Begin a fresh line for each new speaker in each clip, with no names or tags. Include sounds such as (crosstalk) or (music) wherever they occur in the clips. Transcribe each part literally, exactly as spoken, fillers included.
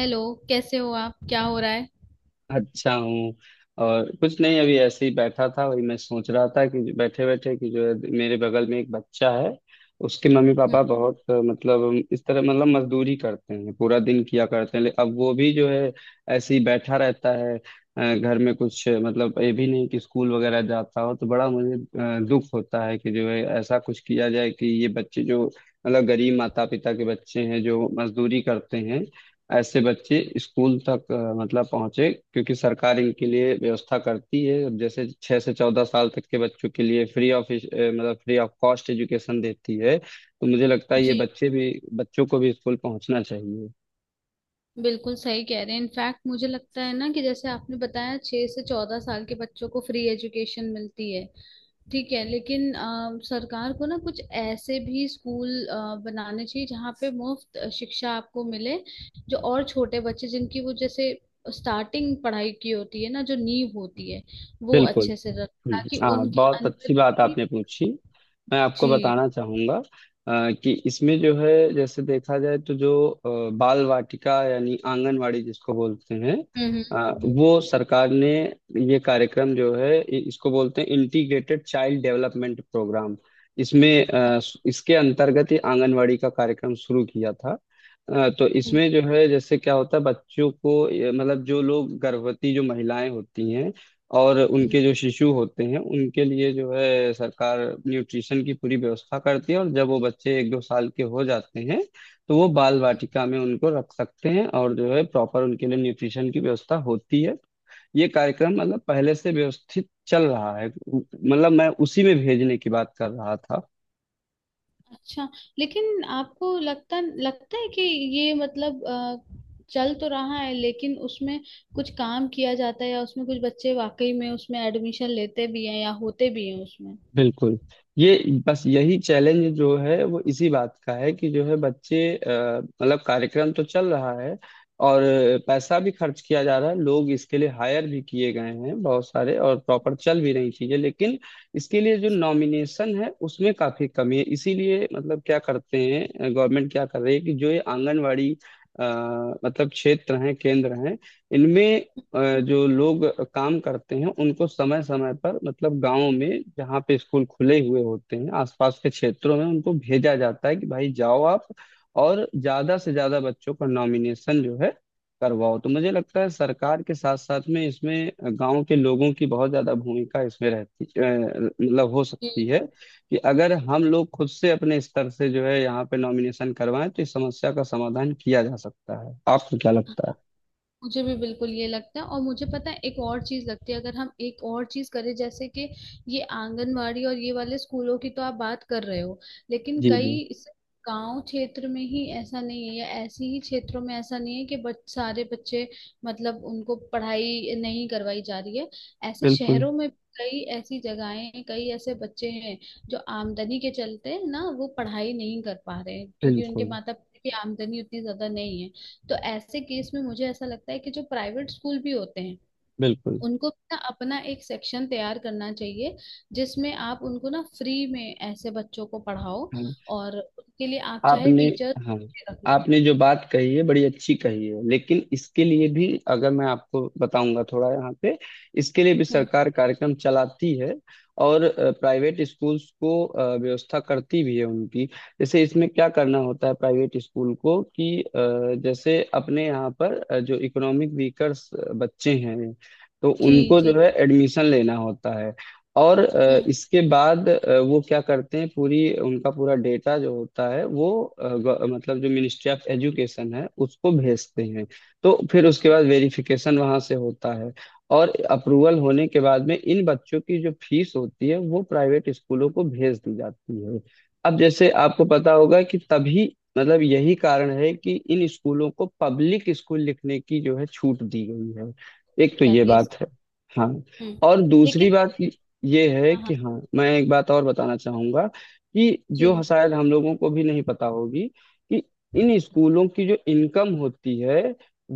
Hello. कैसे हो आप, क्या हो रहा है?
अच्छा हूँ। और कुछ नहीं, अभी ऐसे ही बैठा था। वही मैं सोच रहा था कि बैठे बैठे, कि जो है, मेरे बगल में एक बच्चा है। उसके मम्मी
हम्म,
पापा बहुत अ, मतलब इस तरह मतलब मजदूरी करते हैं, पूरा दिन किया करते हैं। ले- अब वो भी जो है ऐसे ही बैठा रहता है। अ, घर में कुछ अ, मतलब ये भी नहीं कि स्कूल वगैरह जाता हो, तो बड़ा मुझे अ, दुख होता है कि जो है, ऐसा कुछ किया जाए कि ये बच्चे जो मतलब गरीब माता पिता के बच्चे हैं, जो मजदूरी करते हैं, ऐसे बच्चे स्कूल तक अ, मतलब पहुंचे। क्योंकि सरकार इनके लिए व्यवस्था करती है। अब जैसे छह से चौदह साल तक के बच्चों के लिए फ्री ऑफ मतलब फ्री ऑफ कॉस्ट एजुकेशन देती है। तो मुझे लगता है ये
जी,
बच्चे भी बच्चों को भी स्कूल पहुंचना चाहिए।
बिल्कुल सही कह रहे हैं। इनफैक्ट मुझे लगता है ना कि जैसे आपने बताया छह से चौदह साल के बच्चों को फ्री एजुकेशन मिलती है। ठीक है, लेकिन अ, सरकार को ना कुछ ऐसे भी स्कूल अ, बनाने चाहिए जहाँ पे मुफ्त शिक्षा आपको मिले। जो और छोटे बच्चे जिनकी वो जैसे स्टार्टिंग पढ़ाई की होती है ना, जो नींव होती है वो
बिल्कुल।
अच्छे से रख,
हम्म,
ताकि
हाँ,
उनके
बहुत
अंदर
अच्छी बात
भी।
आपने पूछी। मैं आपको
जी।
बताना चाहूंगा अ, कि इसमें जो है, जैसे देखा जाए, तो जो अ, बाल वाटिका यानी आंगनवाड़ी जिसको बोलते हैं,
हम्म, हम्म,
अ,
हम्म,
वो सरकार ने ये कार्यक्रम जो है, इ- इसको बोलते हैं इंटीग्रेटेड चाइल्ड डेवलपमेंट प्रोग्राम। इसमें अ, इसके अंतर्गत ही आंगनवाड़ी का कार्यक्रम शुरू किया था। अ, तो
हम्म,
इसमें जो है, जैसे क्या होता है, बच्चों को ये, मतलब जो लोग गर्भवती, जो महिलाएं होती हैं और
हम्म,
उनके जो शिशु होते हैं, उनके लिए जो है सरकार न्यूट्रिशन की पूरी व्यवस्था करती है। और जब वो बच्चे एक दो साल के हो जाते हैं, तो वो बाल
हम्म।
वाटिका में उनको रख सकते हैं और जो है प्रॉपर उनके लिए न्यूट्रिशन की व्यवस्था होती है। ये कार्यक्रम मतलब पहले से व्यवस्थित चल रहा है, मतलब मैं उसी में भेजने की बात कर रहा था।
अच्छा। लेकिन आपको लगता लगता है कि ये मतलब अ, चल तो रहा है, लेकिन उसमें कुछ काम किया जाता है या उसमें कुछ बच्चे वाकई में उसमें एडमिशन लेते भी हैं या होते भी हैं उसमें?
बिल्कुल। ये बस यही चैलेंज जो है, वो इसी बात का है कि जो है बच्चे अ, मतलब कार्यक्रम तो चल रहा है और पैसा भी खर्च किया जा रहा है, लोग इसके लिए हायर भी किए गए हैं बहुत सारे, और प्रॉपर चल भी रही चीजें, लेकिन इसके लिए जो नॉमिनेशन है उसमें काफी कमी है। इसीलिए मतलब क्या करते हैं, गवर्नमेंट क्या कर रही है, कि जो ये आंगनवाड़ी अ, मतलब क्षेत्र हैं, केंद्र हैं, इनमें अ, जो लोग काम करते हैं, उनको समय समय पर, मतलब गांव में जहाँ पे स्कूल खुले हुए होते हैं, आसपास के क्षेत्रों में उनको भेजा जाता है कि भाई जाओ आप, और ज्यादा से ज्यादा बच्चों का नॉमिनेशन जो है करवाओ। तो मुझे लगता है सरकार के साथ साथ में इसमें गांव के लोगों की बहुत ज्यादा भूमिका इसमें रहती अ, मतलब हो
जी,
सकती है। कि अगर हम लोग खुद से अपने स्तर से जो है यहाँ पे नॉमिनेशन करवाएं, तो इस समस्या का समाधान किया जा सकता है। आपको क्या लगता है?
मुझे भी बिल्कुल ये लगता है। और मुझे पता है एक और चीज लगती है, अगर हम एक और चीज करें जैसे कि ये आंगनवाड़ी और ये वाले स्कूलों की तो आप बात कर रहे हो। लेकिन
जी
कई
जी।
इस गांव क्षेत्र में ही ऐसा नहीं है, या ऐसी ही क्षेत्रों में ऐसा नहीं है कि बच, सारे बच्चे मतलब उनको पढ़ाई नहीं करवाई जा रही है। ऐसे
बिल्कुल
शहरों में कई ऐसी जगहें हैं, कई ऐसे बच्चे हैं जो आमदनी के चलते ना वो पढ़ाई नहीं कर पा रहे हैं, क्योंकि उनके
बिल्कुल
माता पिता की आमदनी उतनी ज्यादा नहीं है। तो ऐसे केस में मुझे ऐसा लगता है कि जो प्राइवेट स्कूल भी होते हैं,
बिल्कुल।
उनको ना अपना एक सेक्शन तैयार करना चाहिए जिसमें आप उनको ना फ्री में ऐसे बच्चों को पढ़ाओ
हाँ,
और उनके लिए आप चाहे
आपने
टीचर
हाँ
रख लो।
आपने जो बात कही है बड़ी अच्छी कही है, लेकिन इसके लिए भी अगर मैं आपको बताऊंगा, थोड़ा यहाँ पे इसके लिए भी
हम्म।
सरकार कार्यक्रम चलाती है और प्राइवेट स्कूल्स को अ, व्यवस्था करती भी है उनकी। जैसे इसमें क्या करना होता है प्राइवेट स्कूल को कि अ, जैसे अपने यहाँ पर अ, जो इकोनॉमिक वीकर्स बच्चे हैं, तो
जी,
उनको
जी।
जो है एडमिशन लेना होता है। और अ,
हम्म।
इसके बाद अ, वो क्या करते हैं, पूरी उनका पूरा डेटा जो होता है, वो अ, ग- मतलब जो मिनिस्ट्री ऑफ एजुकेशन है, उसको भेजते हैं। तो फिर उसके बाद वेरिफिकेशन वहां से होता है और अप्रूवल होने के बाद में इन बच्चों की जो फीस होती है, वो प्राइवेट स्कूलों को भेज दी जाती है। अब जैसे आपको पता होगा कि तभी मतलब यही कारण है कि इन स्कूलों को पब्लिक स्कूल लिखने की जो है छूट दी गई है। एक तो ये
जाती है।
बात है। हाँ,
हम्म।
और दूसरी
लेकिन
बात ये है
हाँ,
कि
हाँ।
हाँ, मैं एक बात और बताना चाहूंगा कि जो
जी,
शायद हम लोगों को भी नहीं पता होगी कि इन स्कूलों की जो इनकम होती है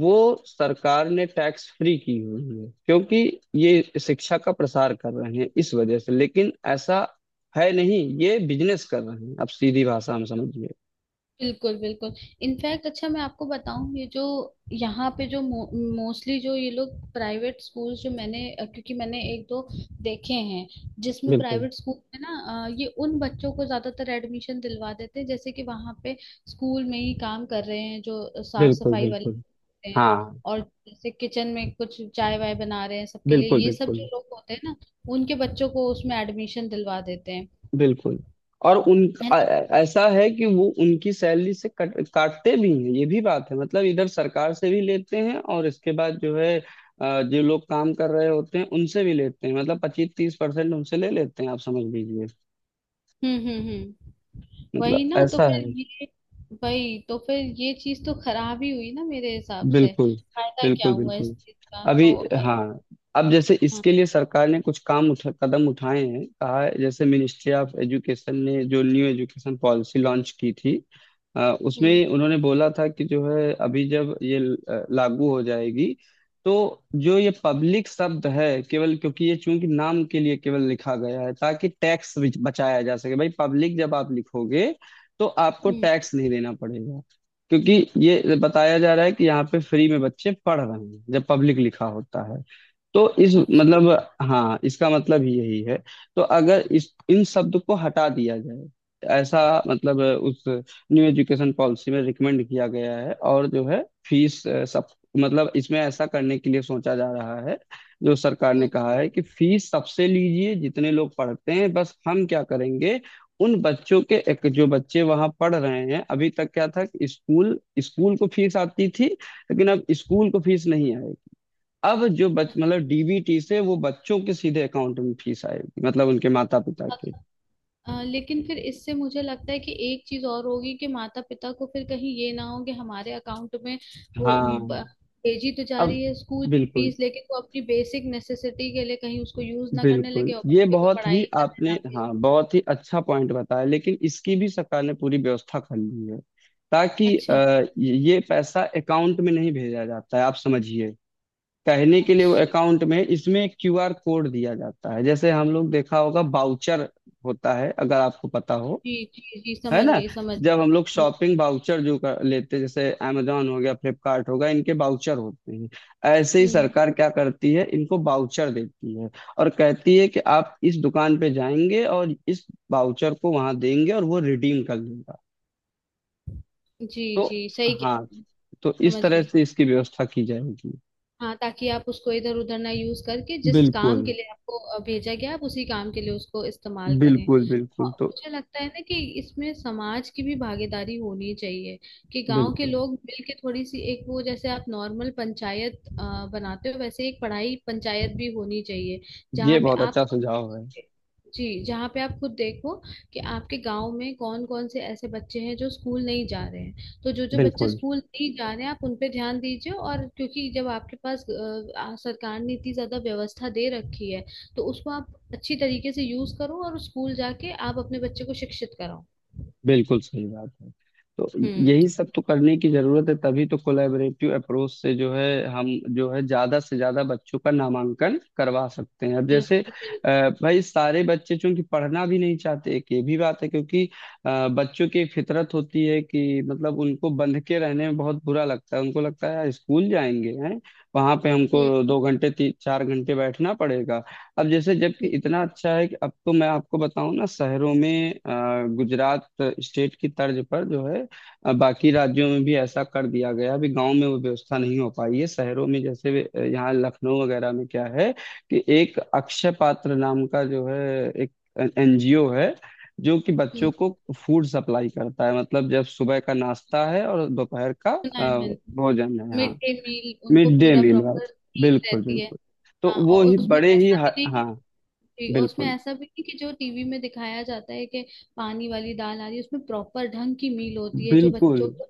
वो सरकार ने टैक्स फ्री की हुई है, क्योंकि ये शिक्षा का प्रसार कर रहे हैं। इस वजह से, लेकिन ऐसा है नहीं, ये बिजनेस कर रहे हैं, आप सीधी भाषा में समझिए।
बिल्कुल बिल्कुल। इनफैक्ट अच्छा मैं आपको बताऊं, ये जो यहाँ पे जो मोस्टली जो ये लोग प्राइवेट स्कूल जो मैंने अ, क्योंकि मैंने एक दो देखे हैं, जिसमें
बिल्कुल
प्राइवेट स्कूल में ना अ, ये उन बच्चों को ज्यादातर एडमिशन दिलवा देते हैं जैसे कि वहां पे स्कूल में ही काम कर रहे हैं जो साफ
बिल्कुल
सफाई वाले
बिल्कुल।
होते हैं।
हाँ।
और जैसे किचन में कुछ चाय वाय बना रहे हैं सबके लिए,
बिल्कुल
ये सब
बिल्कुल
जो लोग होते हैं ना, उनके बच्चों को उसमें एडमिशन दिलवा देते हैं।
बिल्कुल। और उन
है
आ-
ना?
ऐसा है कि वो उनकी सैलरी से कट, काटते भी हैं, ये भी बात है, मतलब इधर सरकार से भी लेते हैं और इसके बाद जो है अ, जो लोग काम कर रहे होते हैं उनसे भी लेते हैं, मतलब पच्चीस तीस परसेंट उनसे ले लेते हैं, आप समझ लीजिए।
हम्म, हम्म, हम्म। वही
मतलब
ना, तो
ऐसा है।
फिर ये, वही तो फिर ये चीज तो खराब ही हुई ना मेरे हिसाब से।
बिल्कुल
फायदा क्या
बिल्कुल
हुआ इस
बिल्कुल।
चीज का?
अभी,
तो अ,
हाँ, अब जैसे
हाँ,
इसके लिए सरकार ने कुछ काम उठा कदम उठाए हैं, कहा है, जैसे मिनिस्ट्री ऑफ एजुकेशन ने जो न्यू एजुकेशन पॉलिसी लॉन्च की थी, अ,
हम्म,
उसमें उन्होंने बोला था कि जो है, अभी जब ये अ, लागू हो जाएगी, तो जो ये पब्लिक शब्द है केवल, क्योंकि ये चूंकि नाम के लिए केवल लिखा गया है ताकि टैक्स बचाया जा सके। भाई पब्लिक जब आप लिखोगे, तो आपको
हम्म।
टैक्स नहीं देना पड़ेगा, क्योंकि ये बताया जा रहा है कि यहाँ पे फ्री में बच्चे पढ़ रहे हैं जब पब्लिक लिखा होता है, तो इस
अच्छा।
मतलब। हाँ, इसका मतलब ही यही है। तो अगर इस इन शब्द को हटा दिया जाए, ऐसा मतलब उस न्यू एजुकेशन पॉलिसी में रिकमेंड किया गया है। और जो है फीस अ, सब मतलब इसमें ऐसा करने के लिए सोचा जा रहा है। जो सरकार ने
हम्म।
कहा है कि फीस सबसे लीजिए जितने लोग पढ़ते हैं, बस हम क्या करेंगे उन बच्चों के, एक जो बच्चे वहां पढ़ रहे हैं, अभी तक क्या था कि स्कूल स्कूल को फीस आती थी, लेकिन अब स्कूल को फीस नहीं। अब जो बच मतलब डीबीटी से वो बच्चों के सीधे अकाउंट में फीस आएगी, मतलब उनके माता पिता के।
अच्छा, अ, लेकिन फिर इससे मुझे लगता है कि एक चीज और होगी कि माता पिता को फिर कहीं ये ना हो कि हमारे अकाउंट में वो
हाँ।
ब- भेजी तो जा
अब
रही है स्कूल की
बिल्कुल
फीस, लेकिन वो अपनी बेसिक नेसेसिटी के लिए कहीं उसको यूज ना करने
बिल्कुल,
लगे और
ये
बच्चे को
बहुत
पढ़ाई
ही,
करने
आपने
ना भेज।
हाँ बहुत ही अच्छा पॉइंट बताया, लेकिन इसकी भी सरकार ने पूरी व्यवस्था कर ली है ताकि
अच्छा।
अ, ये पैसा अकाउंट में नहीं भेजा जाता है, आप समझिए। कहने के लिए वो
अच्छा।
अकाउंट में, इसमें एक क्यूआर कोड दिया जाता है, जैसे हम लोग देखा होगा बाउचर होता है, अगर आपको पता हो।
जी, जी, जी,
है
समझ
ना।
गई, समझ
जब
गई।
हम लोग
हम्म।
शॉपिंग बाउचर जो कर लेते हैं, जैसे amazon हो गया, फ्लिपकार्ट हो गया, इनके बाउचर होते हैं, ऐसे ही
हम्म।
सरकार क्या करती है, इनको बाउचर देती है और कहती है कि आप इस दुकान पे जाएंगे और इस बाउचर को वहां देंगे और वो रिडीम कर लेगा।
जी,
तो
जी, सही कह
हाँ,
रहे हैं।
तो इस
समझ
तरह
गई।
से इसकी व्यवस्था की जाएगी।
हाँ, ताकि आप उसको इधर उधर ना यूज करके जिस काम
बिल्कुल
के लिए आपको अ, भेजा गया आप उसी काम के लिए उसको इस्तेमाल करें।
बिल्कुल बिल्कुल।
और
तो
मुझे लगता है ना कि इसमें समाज की भी भागीदारी होनी चाहिए कि गांव के
बिल्कुल,
लोग मिलके थोड़ी सी एक वो जैसे आप नॉर्मल पंचायत अ, बनाते हो वैसे एक पढ़ाई पंचायत भी होनी चाहिए
ये
जहाँ पे
बहुत
आप,
अच्छा सुझाव है।
जी, जहाँ पे आप खुद देखो कि आपके गांव में कौन कौन से ऐसे बच्चे हैं जो स्कूल नहीं जा रहे हैं। तो जो जो बच्चे
बिल्कुल,
स्कूल नहीं जा रहे हैं आप उन पे ध्यान दीजिए और क्योंकि जब आपके पास अ, आ, सरकार ने इतनी ज्यादा व्यवस्था दे रखी है, तो उसको आप अच्छी तरीके से यूज करो और स्कूल जाके आप अपने बच्चे को शिक्षित कराओ।
बिल्कुल सही बात है। तो
हम्म।
यही सब तो करने की जरूरत है, तभी तो कोलैबोरेटिव अप्रोच से जो है हम जो है ज्यादा से ज्यादा बच्चों का नामांकन करवा सकते हैं। अब
और
जैसे
फिर-
अ, भाई सारे बच्चे चूंकि पढ़ना भी नहीं चाहते, एक ये भी बात है, क्योंकि अ, बच्चों की एक फितरत होती है कि मतलब उनको बंध के रहने में बहुत बुरा लगता है, उनको लगता है यार स्कूल जाएंगे हैं, वहां पे
हम्म,
हमको दो घंटे तीन चार घंटे बैठना पड़ेगा। अब जैसे, जबकि
हम्म,
इतना अच्छा है कि अब तो मैं आपको बताऊं ना, शहरों में अ, गुजरात स्टेट की तर्ज पर जो है अ, बाकी राज्यों में भी ऐसा कर दिया गया। अभी गांव में वो व्यवस्था नहीं हो पाई है, शहरों में जैसे अ, यहाँ लखनऊ वगैरह में क्या है कि एक अक्षय पात्र नाम का जो है, एक एनजीओ है जो कि बच्चों
हम्म।
को फूड सप्लाई करता है, मतलब जब सुबह का नाश्ता है और दोपहर का
सुना है
अ,
मैंने।
भोजन है।
मिड
हाँ।
डे मील, उनको
मिड डे
पूरा
मील।
प्रॉपर थीम
बिल्कुल
रहती है।
बिल्कुल। तो
हाँ,
वो
और
ही
उसमें
बड़े ही।
ऐसा भी नहीं।
हाँ,
जी, और उसमें
बिल्कुल
ऐसा भी नहीं कि जो टीवी में दिखाया जाता है कि पानी वाली दाल आ रही है, उसमें प्रॉपर ढंग की मील होती है जो
बिल्कुल
बच्चों को।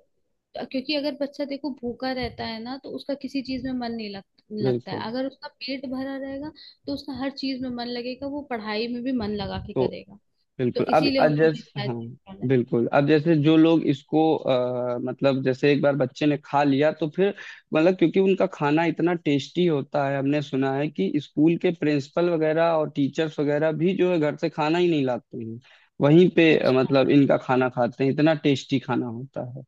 क्योंकि अगर बच्चा देखो भूखा रहता है ना तो उसका किसी चीज में मन नहीं लग, लगता
बिल्कुल।
है। अगर उसका पेट भरा रहेगा तो उसका हर चीज में मन लगेगा, वो पढ़ाई में भी मन लगा के
तो
करेगा। तो
बिल्कुल, अब
इसीलिए
अब
उन्होंने
जैसे,
शायद
हाँ,
ये डाला है।
बिल्कुल, अब जैसे जो लोग इसको आ, मतलब, जैसे एक बार बच्चे ने खा लिया तो फिर मतलब क्योंकि उनका खाना इतना टेस्टी होता है, हमने सुना है कि स्कूल के प्रिंसिपल वगैरह और टीचर्स वगैरह भी जो है घर से खाना ही नहीं लाते हैं, वहीं पे अ,
अच्छा,
मतलब इनका खाना खाते हैं, इतना टेस्टी खाना होता है।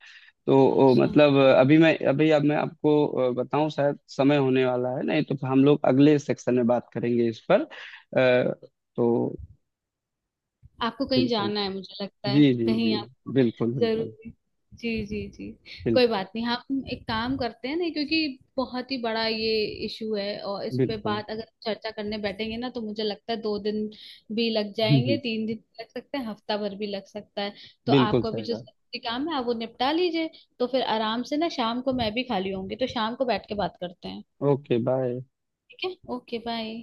तो ओ,
अच्छा।
मतलब अभी मैं अभी अब मैं आपको अ, बताऊं, शायद समय होने वाला है, नहीं तो हम लोग अगले सेक्शन में बात करेंगे इस पर अ, तो
आपको कहीं
बिल्कुल।
जाना है मुझे लगता है,
जी जी जी।
कहीं आपको
बिल्कुल बिल्कुल
जरूरी। जी, जी, जी। कोई बात नहीं, हम एक काम करते हैं ना क्योंकि बहुत ही बड़ा ये इशू है और इस पे
बिल्कुल। बिल्कुल
बात अगर चर्चा करने बैठेंगे ना तो मुझे लगता है दो दिन भी लग जाएंगे,
(laughs)
तीन दिन भी लग सकते हैं, हफ्ता भर भी लग सकता है। तो
बिल्कुल
आपको अभी
सही
जो
बात।
जरूरी काम है आप वो निपटा लीजिए, तो फिर आराम से ना, शाम को मैं भी खाली होंगी तो शाम को बैठ के बात करते हैं।
Okay, bye.
ठीक है, ओके, बाय।